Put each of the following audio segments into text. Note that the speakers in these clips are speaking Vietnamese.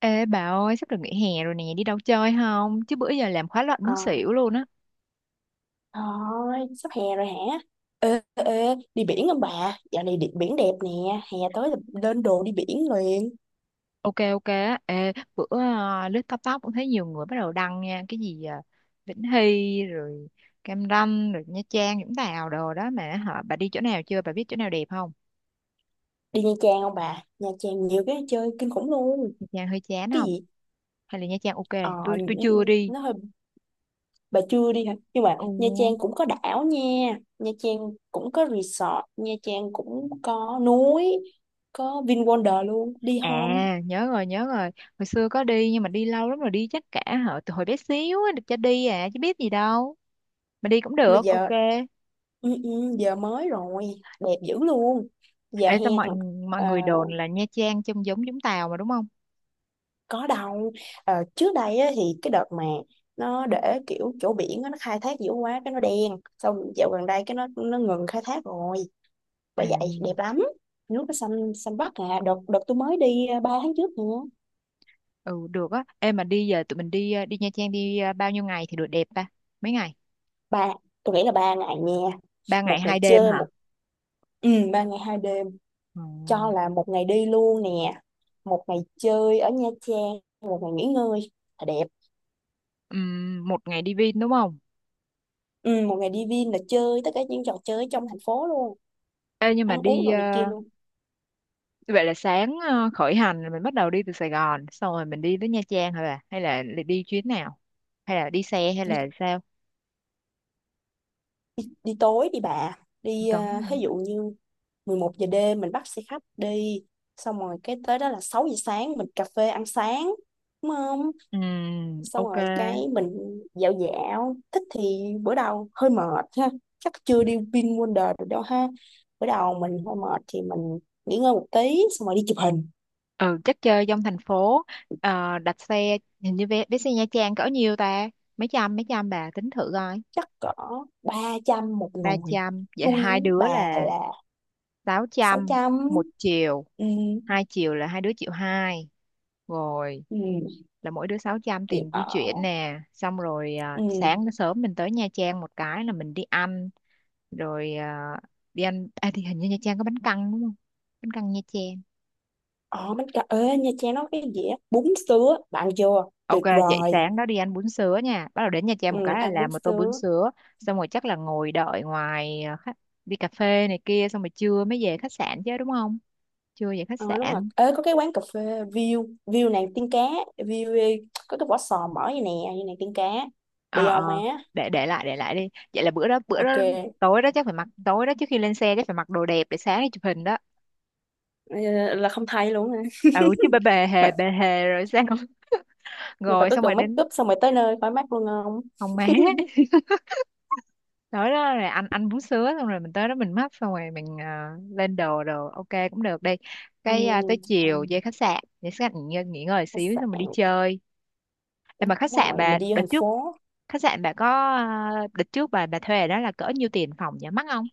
Ê bà ơi, sắp được nghỉ hè rồi nè, đi đâu chơi không? Chứ bữa giờ làm khóa luận muốn Ờ, xỉu luôn á. thôi, sắp hè rồi hả? Ê, đi biển không bà? Dạo này đi, biển đẹp nè, hè tới là lên đồ đi biển liền. Ok ok á, ê, bữa à, lướt TikTok tóc cũng thấy nhiều người bắt đầu đăng nha, cái gì à, Vĩnh Hy rồi Cam Ranh rồi Nha Trang Vũng Tàu đồ đó mà hả? Bà đi chỗ nào chưa? Bà biết chỗ nào đẹp không? Đi Nha Trang không bà? Nha Trang nhiều cái chơi kinh khủng luôn. Nha Trang hơi chán Cái không? gì? Hay là Nha Trang ok? Ờ, Tôi chưa đi. nó hơi bà chưa đi hả? Nhưng mà Ồ. Nha Trang cũng có đảo nha. Nha Trang cũng có resort, Nha Trang cũng có núi, có VinWonder luôn. Đi không? À, nhớ rồi nhớ rồi. Hồi xưa có đi nhưng mà đi lâu lắm rồi, đi chắc cả hả, từ hồi bé xíu á, được cho đi à chứ biết gì đâu. Mà đi cũng Mà được, ok. giờ ừ, ừ, giờ mới rồi, đẹp dữ luôn. Giờ Ê, sao mọi hè mọi ờ, người đồn là Nha Trang trông giống Vũng Tàu mà đúng không? có đâu. Ờ, trước đây á, thì cái đợt mà nó để kiểu chỗ biển á, nó khai thác dữ quá cái nó đen xong dạo gần đây cái nó ngừng khai thác rồi, bởi À, vậy đẹp lắm, nước nó xanh xanh biếc. À đợt đợt tôi mới đi 3 tháng trước nữa. ừ được á. Ê mà đi giờ tụi mình đi đi Nha Trang đi bao nhiêu ngày thì được đẹp ta? Mấy ngày? Ba, tôi nghĩ là 3 ngày nha. Ba ngày Một ngày hai đêm chơi hả? một ừ, 3 ngày 2 đêm, Ừ. cho là một ngày đi luôn nè, một ngày chơi ở Nha Trang, một ngày nghỉ ngơi là đẹp. Một ngày đi Vin đúng không? Ừ, một ngày đi Vin là chơi tất cả những trò chơi trong thành phố luôn, Ê nhưng mà ăn uống đi đồ này kia luôn. vậy là sáng khởi hành là mình bắt đầu đi từ Sài Gòn, xong rồi mình đi tới Nha Trang hả bà? Hay là đi chuyến nào? Hay là đi xe hay là sao? Đi tối đi bà đi Đúng. ví dụ như 11 giờ đêm mình bắt xe khách đi, xong rồi cái tới đó là 6 giờ sáng mình cà phê ăn sáng, đúng không? Xong Ok. rồi cái mình dạo dạo thích thì bữa đầu hơi mệt ha, chắc chưa đi Vinwonder được đâu ha, bữa đầu mình hơi mệt thì mình nghỉ ngơi một tí xong rồi đi chụp hình. Ừ, chắc chơi trong thành phố. Đặt xe hình như vé, vé xe Nha Trang cỡ nhiêu ta, mấy trăm bà tính thử coi. Chắc cỡ 300 một ba người. trăm vậy Nuôi hai đứa bà là là 600 600. một chiều, Ừ, hai chiều là hai đứa triệu hai rồi, ừ, là mỗi đứa 600 tiệm tiền di ở, chuyển nè. Xong rồi ừ. sáng sớm mình tới Nha Trang một cái là mình đi ăn rồi đi ăn thì hình như Nha Trang có bánh căn đúng không, bánh căn Nha Trang. Ồ, bánh cà ê, Nha Trang nó có cái dĩa bún sứa, bạn vô, Ok, tuyệt dậy vời. sáng đó đi ăn bún sứa nha. Bắt đầu đến Nha Trang Ừ, một cái là ăn bún làm một tô bún sứa. sứa. Xong rồi chắc là ngồi đợi ngoài khách, đi cà phê này kia. Xong rồi trưa mới về khách sạn chứ đúng không? Trưa về khách Ờ, đúng rồi. sạn. Ê, có cái quán cà phê View, View nàng tiên cá, View có cái vỏ sò mở vậy nè, như nàng tiên cá. Ờ, Đi ờ, không má? để lại, để lại đi. Vậy là bữa đó Ok. tối đó chắc phải mặc, tối đó trước khi lên xe chắc phải mặc đồ đẹp để sáng đi chụp hình đó. Ờ, là không thay luôn hả? Ừ, chứ bê Bạn, bề hề rồi sao? nhưng bạn Rồi có xong rồi cần make đến up xong rồi tới nơi khỏi mát luôn không? phòng má. Tới đó rồi anh bú sứa xong rồi mình tới đó mình mắp xong rồi mình lên đồ đồ ok cũng được đi. Ừ, Cái tới chiều còn về khách sạn, về khách sạn nghỉ ngơi khách xíu sạn, xong mình đi đúng chơi. Ê, mà khách sạn rồi, bà mình đi vô đợt thành trước, phố. khách sạn bà có à, đợt trước bà thuê đó là cỡ nhiêu tiền phòng nhỉ, mắc không?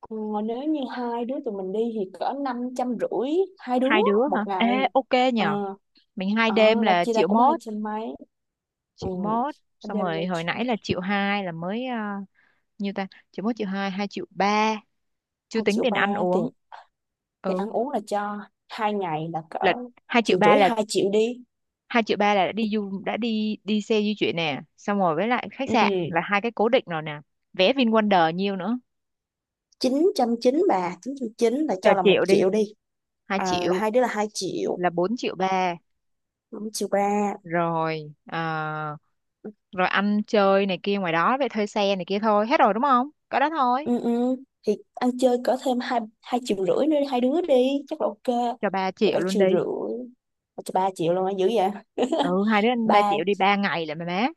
Ờ, nếu như hai đứa tụi mình đi thì cỡ 500 rưỡi hai đứa Hai đứa một hả ê, ngày. ok nhờ. Ờ Mình hai đêm ờ, là là chia ra triệu cũng hai mốt, trăm mấy Ừ. triệu mốt Anh xong đem ra rồi hồi chi- nãy là triệu hai là mới nhiêu ta, triệu mốt triệu hai hai triệu ba, chưa hai tính triệu tiền ba ăn uống. tiền, tiền Ừ, ăn uống là cho hai ngày là cỡ là hai triệu triệu ba rưỡi là, hai triệu đi. hai triệu ba là đã đi du đã đi đi xe di chuyển nè xong rồi với lại khách Ừ. sạn là hai cái cố định rồi nè. Vé VinWonder nhiêu nữa, Chín trăm chín bà, 900 chín là chờ cho là một triệu đi, triệu đi. hai Ờ, là triệu hai đứa là 2 triệu. là bốn triệu ba 5 triệu 3. rồi. Ờ, rồi ăn chơi này kia ngoài đó vậy, thuê xe này kia, thôi hết rồi đúng không, có đó thôi, Ừ, thì ăn chơi có thêm hai hai triệu rưỡi nữa đi, hai đứa đi chắc là ok. cho ba Là triệu ba luôn triệu đi. rưỡi Cho 3 triệu luôn á, dữ vậy. Ừ, hai đứa ăn ba Ba, triệu đi, ba ngày là mà má.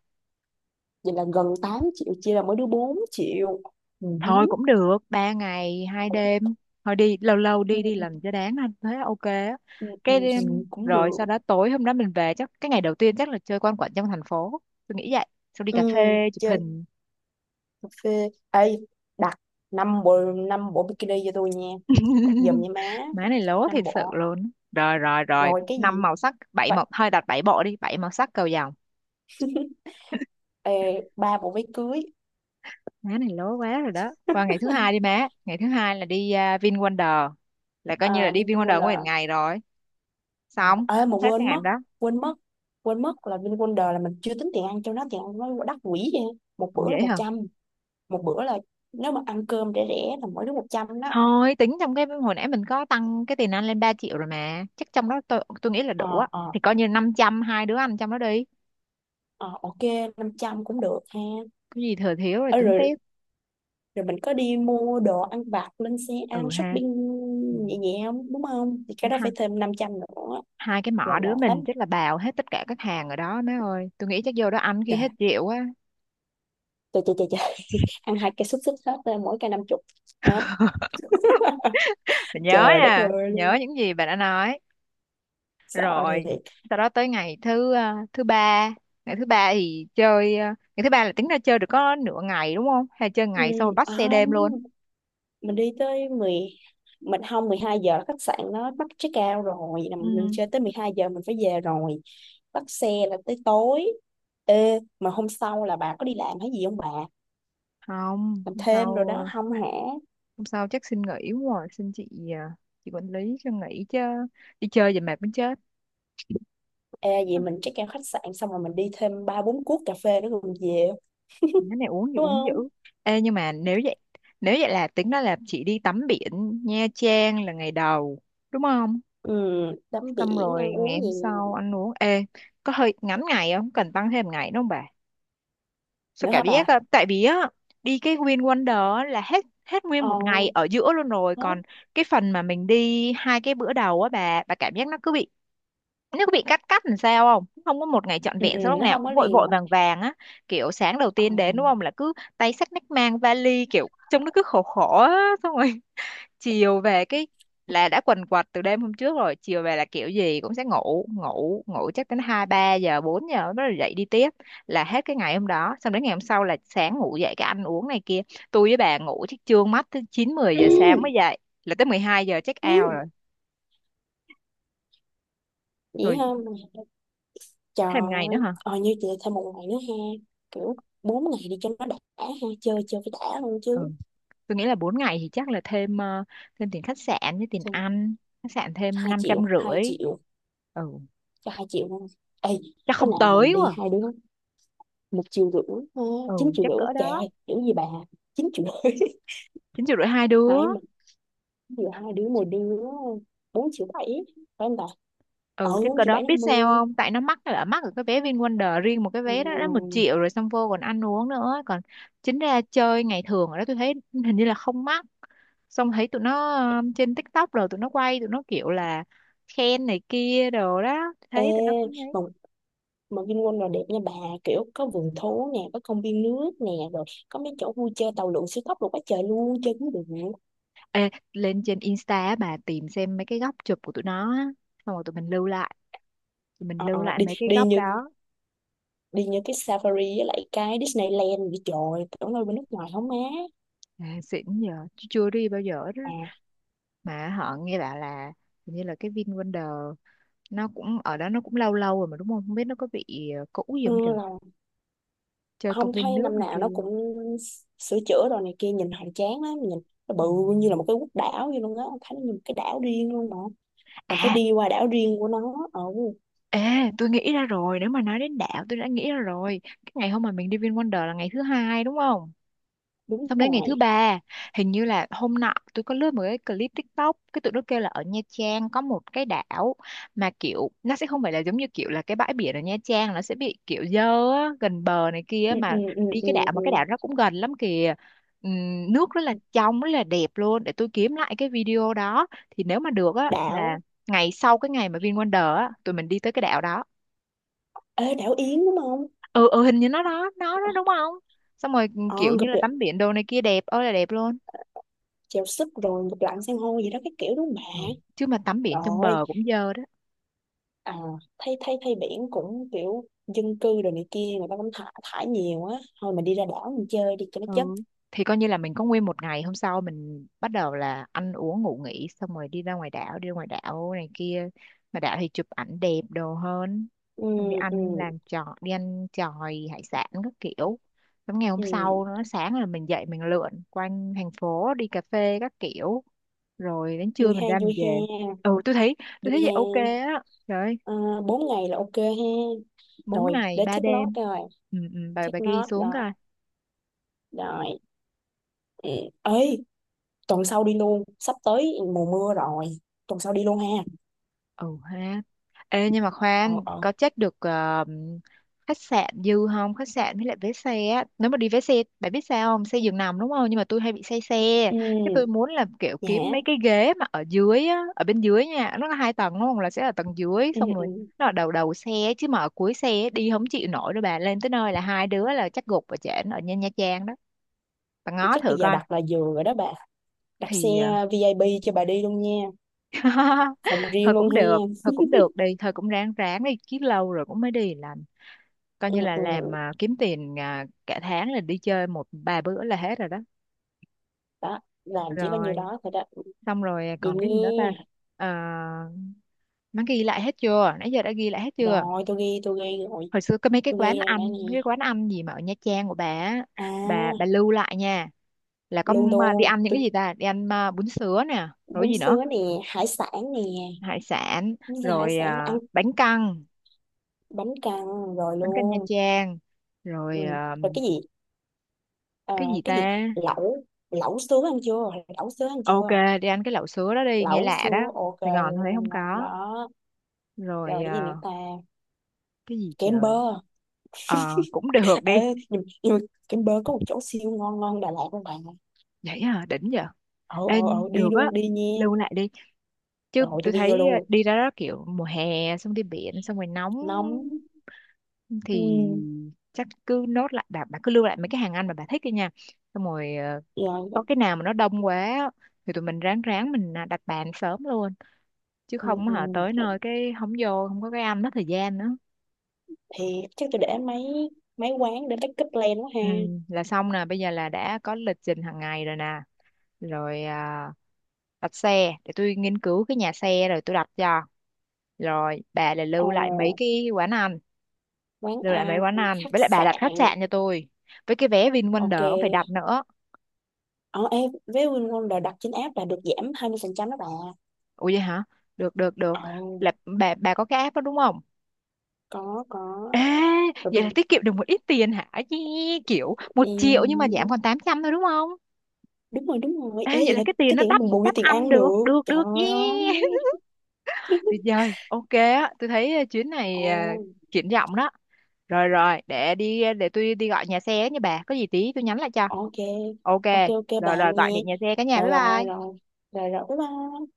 vậy là gần 8 triệu, chia là mỗi đứa 4 triệu. Ừ, ừ, Thôi cũng được, 3 ngày, 2 đêm. Thôi đi, lâu lâu ừ, đi, đi làm cho đáng anh. Thế ok á. ừ, ừ, Cái ừ, đêm, cũng rồi được. sau đó tối hôm đó mình về chắc, cái ngày đầu tiên chắc là chơi quanh quẩn trong thành phố. Tôi nghĩ vậy. Xong đi Ừ, cà phê, chụp chơi hình. cà phê ê, đặt 5 bộ, 5 bộ bikini cho tôi nha, đặt giùm nha má. Má này lố Năm thiệt bộ sự luôn. Rồi, rồi, rồi. rồi cái Năm gì màu sắc, bảy vậy, màu, thôi đặt bảy bộ đi, bảy màu sắc cầu vồng. ê, 3 bộ váy cưới. Má này lố quá rồi đó. Qua ngày thứ hai đi má. Ngày thứ hai là đi VinWonder. Là coi như là À, đi đi VinWonder nguyên Vinwonder. ngày rồi. Ờ, Xong, ê mà hết cái quên ngày mất, hôm đó. quên mất quên mất là VinWonder là mình chưa tính tiền ăn cho nó, tiền ăn nó đắt quỷ vậy, một Ủa bữa là vậy một hả? trăm Một bữa là nếu mà ăn cơm rẻ rẻ là mỗi đứa 100 đó. Thôi tính trong cái hồi nãy mình có tăng cái tiền ăn lên 3 triệu rồi mà. Chắc trong đó tôi nghĩ là ờ đủ á. ờ Thì coi như 500 hai đứa ăn trong đó đi. ờ ok, 500 cũng được ha. Cái gì thừa thiếu rồi Ê, tính rồi, tiếp. rồi mình có đi mua đồ ăn vặt lên xe ăn Ừ ha. shopping Ừ. nhẹ nhẹ không đúng không, thì cái đó Hai, phải thêm 500 nữa. hai cái là mỏ là đứa tám, mình chắc là bào hết tất cả các hàng ở đó má ơi. Tôi nghĩ chắc vô đó ăn khi trời, hết rượu á. trời trời trời, trời. Ăn hai cây xúc xích hết, mỗi cây 50. Hả? Mình nhớ Trời đất nè, ơi luôn, nhớ những gì bạn đã nói. sợ Rồi thiệt. sau đó tới ngày thứ ba. Ngày thứ ba thì chơi ngày thứ ba là tính ra chơi được có nửa ngày đúng không? Hay chơi Ừ, ngày xong rồi bắt à xe đêm không, luôn? mình đi tới mười, mình không, 12 giờ khách sạn nó bắt check out rồi là Ừ, mình chơi tới 12 giờ mình phải về rồi, bắt xe là tới tối. Ê mà hôm sau là bà có đi làm hay gì không bà, không, làm hôm thêm rồi sau đó không hả? hôm sau chắc xin nghỉ quá rồi, xin chị chị quản lý cho nghỉ chứ, đi chơi về mệt muốn chết. Ê vậy mình check out khách sạn xong rồi mình đi thêm ba bốn cuốc cà phê nữa rồi mình về. Cái này uống gì Đúng uống dữ. không? Ê nhưng mà nếu vậy, nếu vậy là tính đó là chị đi tắm biển Nha Trang là ngày đầu đúng không? Ừ, tắm Xong biển ăn rồi ngày uống gì hôm sau ăn uống. Ê, có hơi ngắn ngày không, cần tăng thêm ngày đúng không bà? Sao nữa cả hả bà. biết á, tại vì á đi cái Win Wonder á là hết hết nguyên Ờ, một ngày ở giữa luôn rồi. hết. Còn cái phần mà mình đi hai cái bữa đầu á, bà cảm giác nó cứ bị, nếu bị cắt cắt làm sao không, không có một ngày trọn Ừ, vẹn, ừ, sao lúc nó nào không có cũng vội liền vội mà. vàng vàng á. Kiểu sáng đầu Ờ. tiên đến đúng không là cứ tay xách nách mang vali kiểu trông nó cứ khổ khổ á xong rồi chiều về cái là đã quần quật từ đêm hôm trước rồi, chiều về là kiểu gì cũng sẽ ngủ ngủ ngủ, chắc đến hai ba giờ bốn giờ nó dậy đi tiếp, là hết cái ngày hôm đó. Xong đến ngày hôm sau là sáng ngủ dậy cái ăn uống này kia. Tôi với bà ngủ chắc trương mắt tới chín mười giờ sáng mới dậy, là tới 12 giờ check out rồi. Ừ, vậy Rồi ha. Trời thêm ngày nữa ơi, hả. ờ, như chị thêm một ngày nữa ha, kiểu 4 ngày đi cho nó đã ha, chơi chơi phải đã luôn chứ. Ừ, tôi nghĩ là 4 ngày thì chắc là thêm thêm tiền khách sạn với tiền Xong, ăn. Khách sạn thêm 2 năm trăm triệu, 2 rưỡi triệu, Ừ, cho 2 triệu luôn. Ê, chắc có không nào mình tới đi quá. hai đứa, 1 triệu rưỡi, ha, Ừ, chắc chín triệu rưỡi triệu cỡ rưỡi, trời đó. ơi, chữ gì bà, 9 triệu rưỡi. Chín triệu rưỡi hai đứa. Hai mình, vừa hai đứa một đứa, 4 triệu 7, phải không ta? Ừ, Ừ, chắc cỡ đó, biết bốn triệu bảy năm mươi sao triệu bảy năm mươi. không, tại nó mắc là mắc ở cái vé VinWonder, riêng một cái Ừ. vé đó đã một triệu rồi, xong vô còn ăn uống nữa, còn chính ra chơi ngày thường ở đó tôi thấy hình như là không mắc. Xong thấy tụi nó trên TikTok rồi tụi nó quay tụi nó kiểu là khen này kia đồ đó Ê, thấy tụi nó. mà mà Vinpearl là đẹp nha bà, kiểu có vườn thú nè, có công viên nước nè, rồi có mấy chỗ vui chơi tàu lượn siêu tốc rồi, quá trời luôn, chơi cũng được. Ê, lên trên Insta á, bà tìm xem mấy cái góc chụp của tụi nó á. Xong rồi tụi mình Ờ, ờ, lưu lại đi mấy cái góc đó. đi như cái Safari với lại cái Disneyland vậy, trời tưởng đâu bên nước ngoài không má. Ê, xịn giờ chứ chưa đi bao giờ đó, À, mà họ nghe bảo là hình như là cái VinWonder nó cũng ở đó nó cũng lâu lâu rồi mà đúng không, không biết nó có bị cũ gì ừ, không trời. là Chơi công không, thấy viên nước năm này nào nó kia. cũng sửa chữa rồi này kia, nhìn hoành tráng lắm, nhìn nó Ừ. bự như là một cái quốc đảo vậy luôn á, ông thấy nó như một cái đảo riêng luôn mà, mình phải À, đi qua đảo riêng của nó. Ừ, ê, tôi nghĩ ra rồi, nếu mà nói đến đảo tôi đã nghĩ ra rồi. Cái ngày hôm mà mình đi VinWonder là ngày thứ hai đúng không? đúng Xong đến ngày thứ rồi. ba, hình như là hôm nọ tôi có lướt một cái clip TikTok, cái tụi nó kêu là ở Nha Trang có một cái đảo mà kiểu nó sẽ không phải là giống như kiểu là cái bãi biển ở Nha Trang nó sẽ bị kiểu dơ á, gần bờ này kia. Ừ, ừ, Mà ừ, đi cái đảo ừ, mà cái ừ. đảo nó cũng gần lắm kìa. Nước rất là trong rất là đẹp luôn, để tôi kiếm lại cái video đó. Thì nếu mà được á là Đảo. ngày sau cái ngày mà VinWonder á tụi mình đi tới cái đảo đó. Ê, đảo Yến đúng không? Ừ ừ, hình như nó đó đúng không? Xong rồi Ờ kiểu như ngụp là được, tắm biển đồ này kia đẹp ơi là đẹp luôn. chèo súp rồi ngụp lặn san hô gì đó cái kiểu đúng Ừ. không? Chứ mà tắm Bà biển trong rồi, bờ cũng dơ đó. à, thấy thấy thấy biển cũng kiểu dân cư rồi này kia, người ta cũng thả thải nhiều á, thôi mình đi ra đảo mình chơi đi cho nó chất. Ừ, thì coi như là mình có nguyên một ngày, hôm sau mình bắt đầu là ăn uống ngủ nghỉ xong rồi đi ra ngoài đảo, đi ra ngoài đảo này kia. Mà đảo thì chụp ảnh đẹp đồ hơn. Ừ, Xong đi ừ, ăn làm trò, đi ăn chòi hải sản các kiểu. Xong ngày hôm sau ừ, nó sáng là mình dậy mình lượn quanh thành phố đi cà phê các kiểu, rồi đến trưa vui mình ha, ra mình vui ha, về. Ừ, Tôi thấy vui vậy ha. ok á, trời ơi, Ờ, bốn ngày là ok ha. bốn Rồi ngày để ba check đêm note rồi, Ừ, ừ, bà check ghi note xuống. rồi, rồi, ừ. Ấy, tuần sau đi luôn, sắp tới mùa mưa rồi, tuần sau đi luôn ha. Ừ ha. Ê, nhưng mà Ờ, khoan, ờ, có check được ờ, khách sạn dư không, khách sạn với lại vé xe á, nếu mà đi vé xe, bạn biết sao không, xe giường nằm đúng không, nhưng mà tôi hay bị say xe. ừ, Cái tôi muốn là kiểu kiếm mấy dạ, cái ghế mà ở dưới á, ở bên dưới nha, nó có 2 tầng đúng không, là sẽ ở tầng dưới ừ, xong ừ. rồi nó ở đầu đầu xe. Chứ mà ở cuối xe đi không chịu nổi đâu bà, lên tới nơi là 2 đứa là chắc gục, và trển ở Nha Nha Trang đó. Bà Thì ngó chắc thử bây giờ coi đặt là vừa rồi đó bà, đặt xe thì VIP cho bà đi luôn nha, phòng thôi riêng luôn cũng được, ha. thôi cũng được đi, thôi cũng ráng ráng đi, chứ lâu rồi cũng mới đi. Là coi như Ừ, là làm ừ. à, kiếm tiền à, cả tháng là đi chơi một ba bữa là hết rồi đó. Đó làm chỉ có nhiêu Rồi, đó thôi đó, xong rồi vậy còn cái gì nữa ta. nha. Ờ, má ghi lại hết chưa, nãy giờ đã ghi lại hết chưa. Rồi tôi ghi, tôi ghi rồi, Hồi xưa có mấy cái tôi ghi quán rồi nè ăn, nè. mấy cái quán ăn gì mà ở Nha Trang của bà á, bà À bà lưu lại nha, là có luôn đi luôn ăn những cái tôi, gì ta, đi ăn à, bún sứa nè, rồi bún gì nữa, sứa nè, hải sản nè, hải sản, bún sứa hải rồi sản à, ăn, bánh căn, bánh căn rồi bánh căn Nha luôn. Trang, Ừ. rồi à, Rồi cái gì, ờ, cái gì cái gì, ta, lẩu, lẩu sứa ăn chưa lẩu sứa ăn ok, chưa đi ăn cái lẩu sứa đó đi, nghe lẩu lạ đó, sứa ok, Sài Gòn Huế không luôn ngon có. đó. Rồi Rồi cái gì nữa à, ta, cái gì kem trời, bơ. à, cũng được đi. Ê, nhưng mà Kem Bơ có một chỗ siêu ngon, ngon Đà Lạt luôn bạn. Vậy à, đỉnh vậy. Ờ, ờ, ờ, Em đi được á, luôn đi nha, lưu lại đi. Chứ rồi tôi tôi đi vô thấy à, luôn, đi ra đó kiểu mùa hè, xong đi biển xong rồi nóng, nóng. thì Ừ. chắc cứ nốt lại, bà cứ lưu lại mấy cái hàng ăn mà bà thích đi nha. Xong rồi à, Rồi. có cái nào mà nó đông quá á, thì tụi mình ráng ráng mình à, đặt bàn sớm luôn, chứ Ừ, không ừ. hả tới nơi cái không vô không có, cái ăn mất thời gian nữa. Thì chắc tôi để mấy mấy quán để backup plan quá ha. Ừ, là xong nè, bây giờ là đã có lịch trình hàng ngày rồi nè. Rồi à, đặt xe để tôi nghiên cứu cái nhà xe rồi tôi đặt cho, rồi bà là Ờ, lưu lại mấy cái quán ăn, quán lưu lại mấy ăn, quán ăn, khách với lại bà đặt sạn, khách sạn cho tôi, với cái vé ok. VinWonder cũng phải đặt nữa. Ờ em với Win Wonder đặt trên app là được giảm 20% đó bà. Ủa vậy hả, được được được. Ờ, Là bà có cái app đó đúng không. có, Ê, rồi vậy là bị. tiết kiệm được một ít tiền hả Chi, kiểu 1 triệu nhưng mà Ừ, giảm còn 800 thôi đúng không. đúng rồi, đúng rồi, Ê, ê vậy vậy là là cái tiền cái nó tiền của đắp mình bù vô đắp tiền ăn ăn được, được, được trời được, yeah. ơi. Tuyệt vời, ok á, tôi thấy chuyến này Ồ, à, triển vọng đó. Rồi rồi, để đi, để tôi đi gọi nhà xe ấy nha, bà có gì tí tôi nhắn lại cho. ok, Ok, ok, ok rồi bạn rồi, nha. gọi điện nhà xe, cả nhà bye Rồi rồi bye. rồi, rồi rồi, bye bye.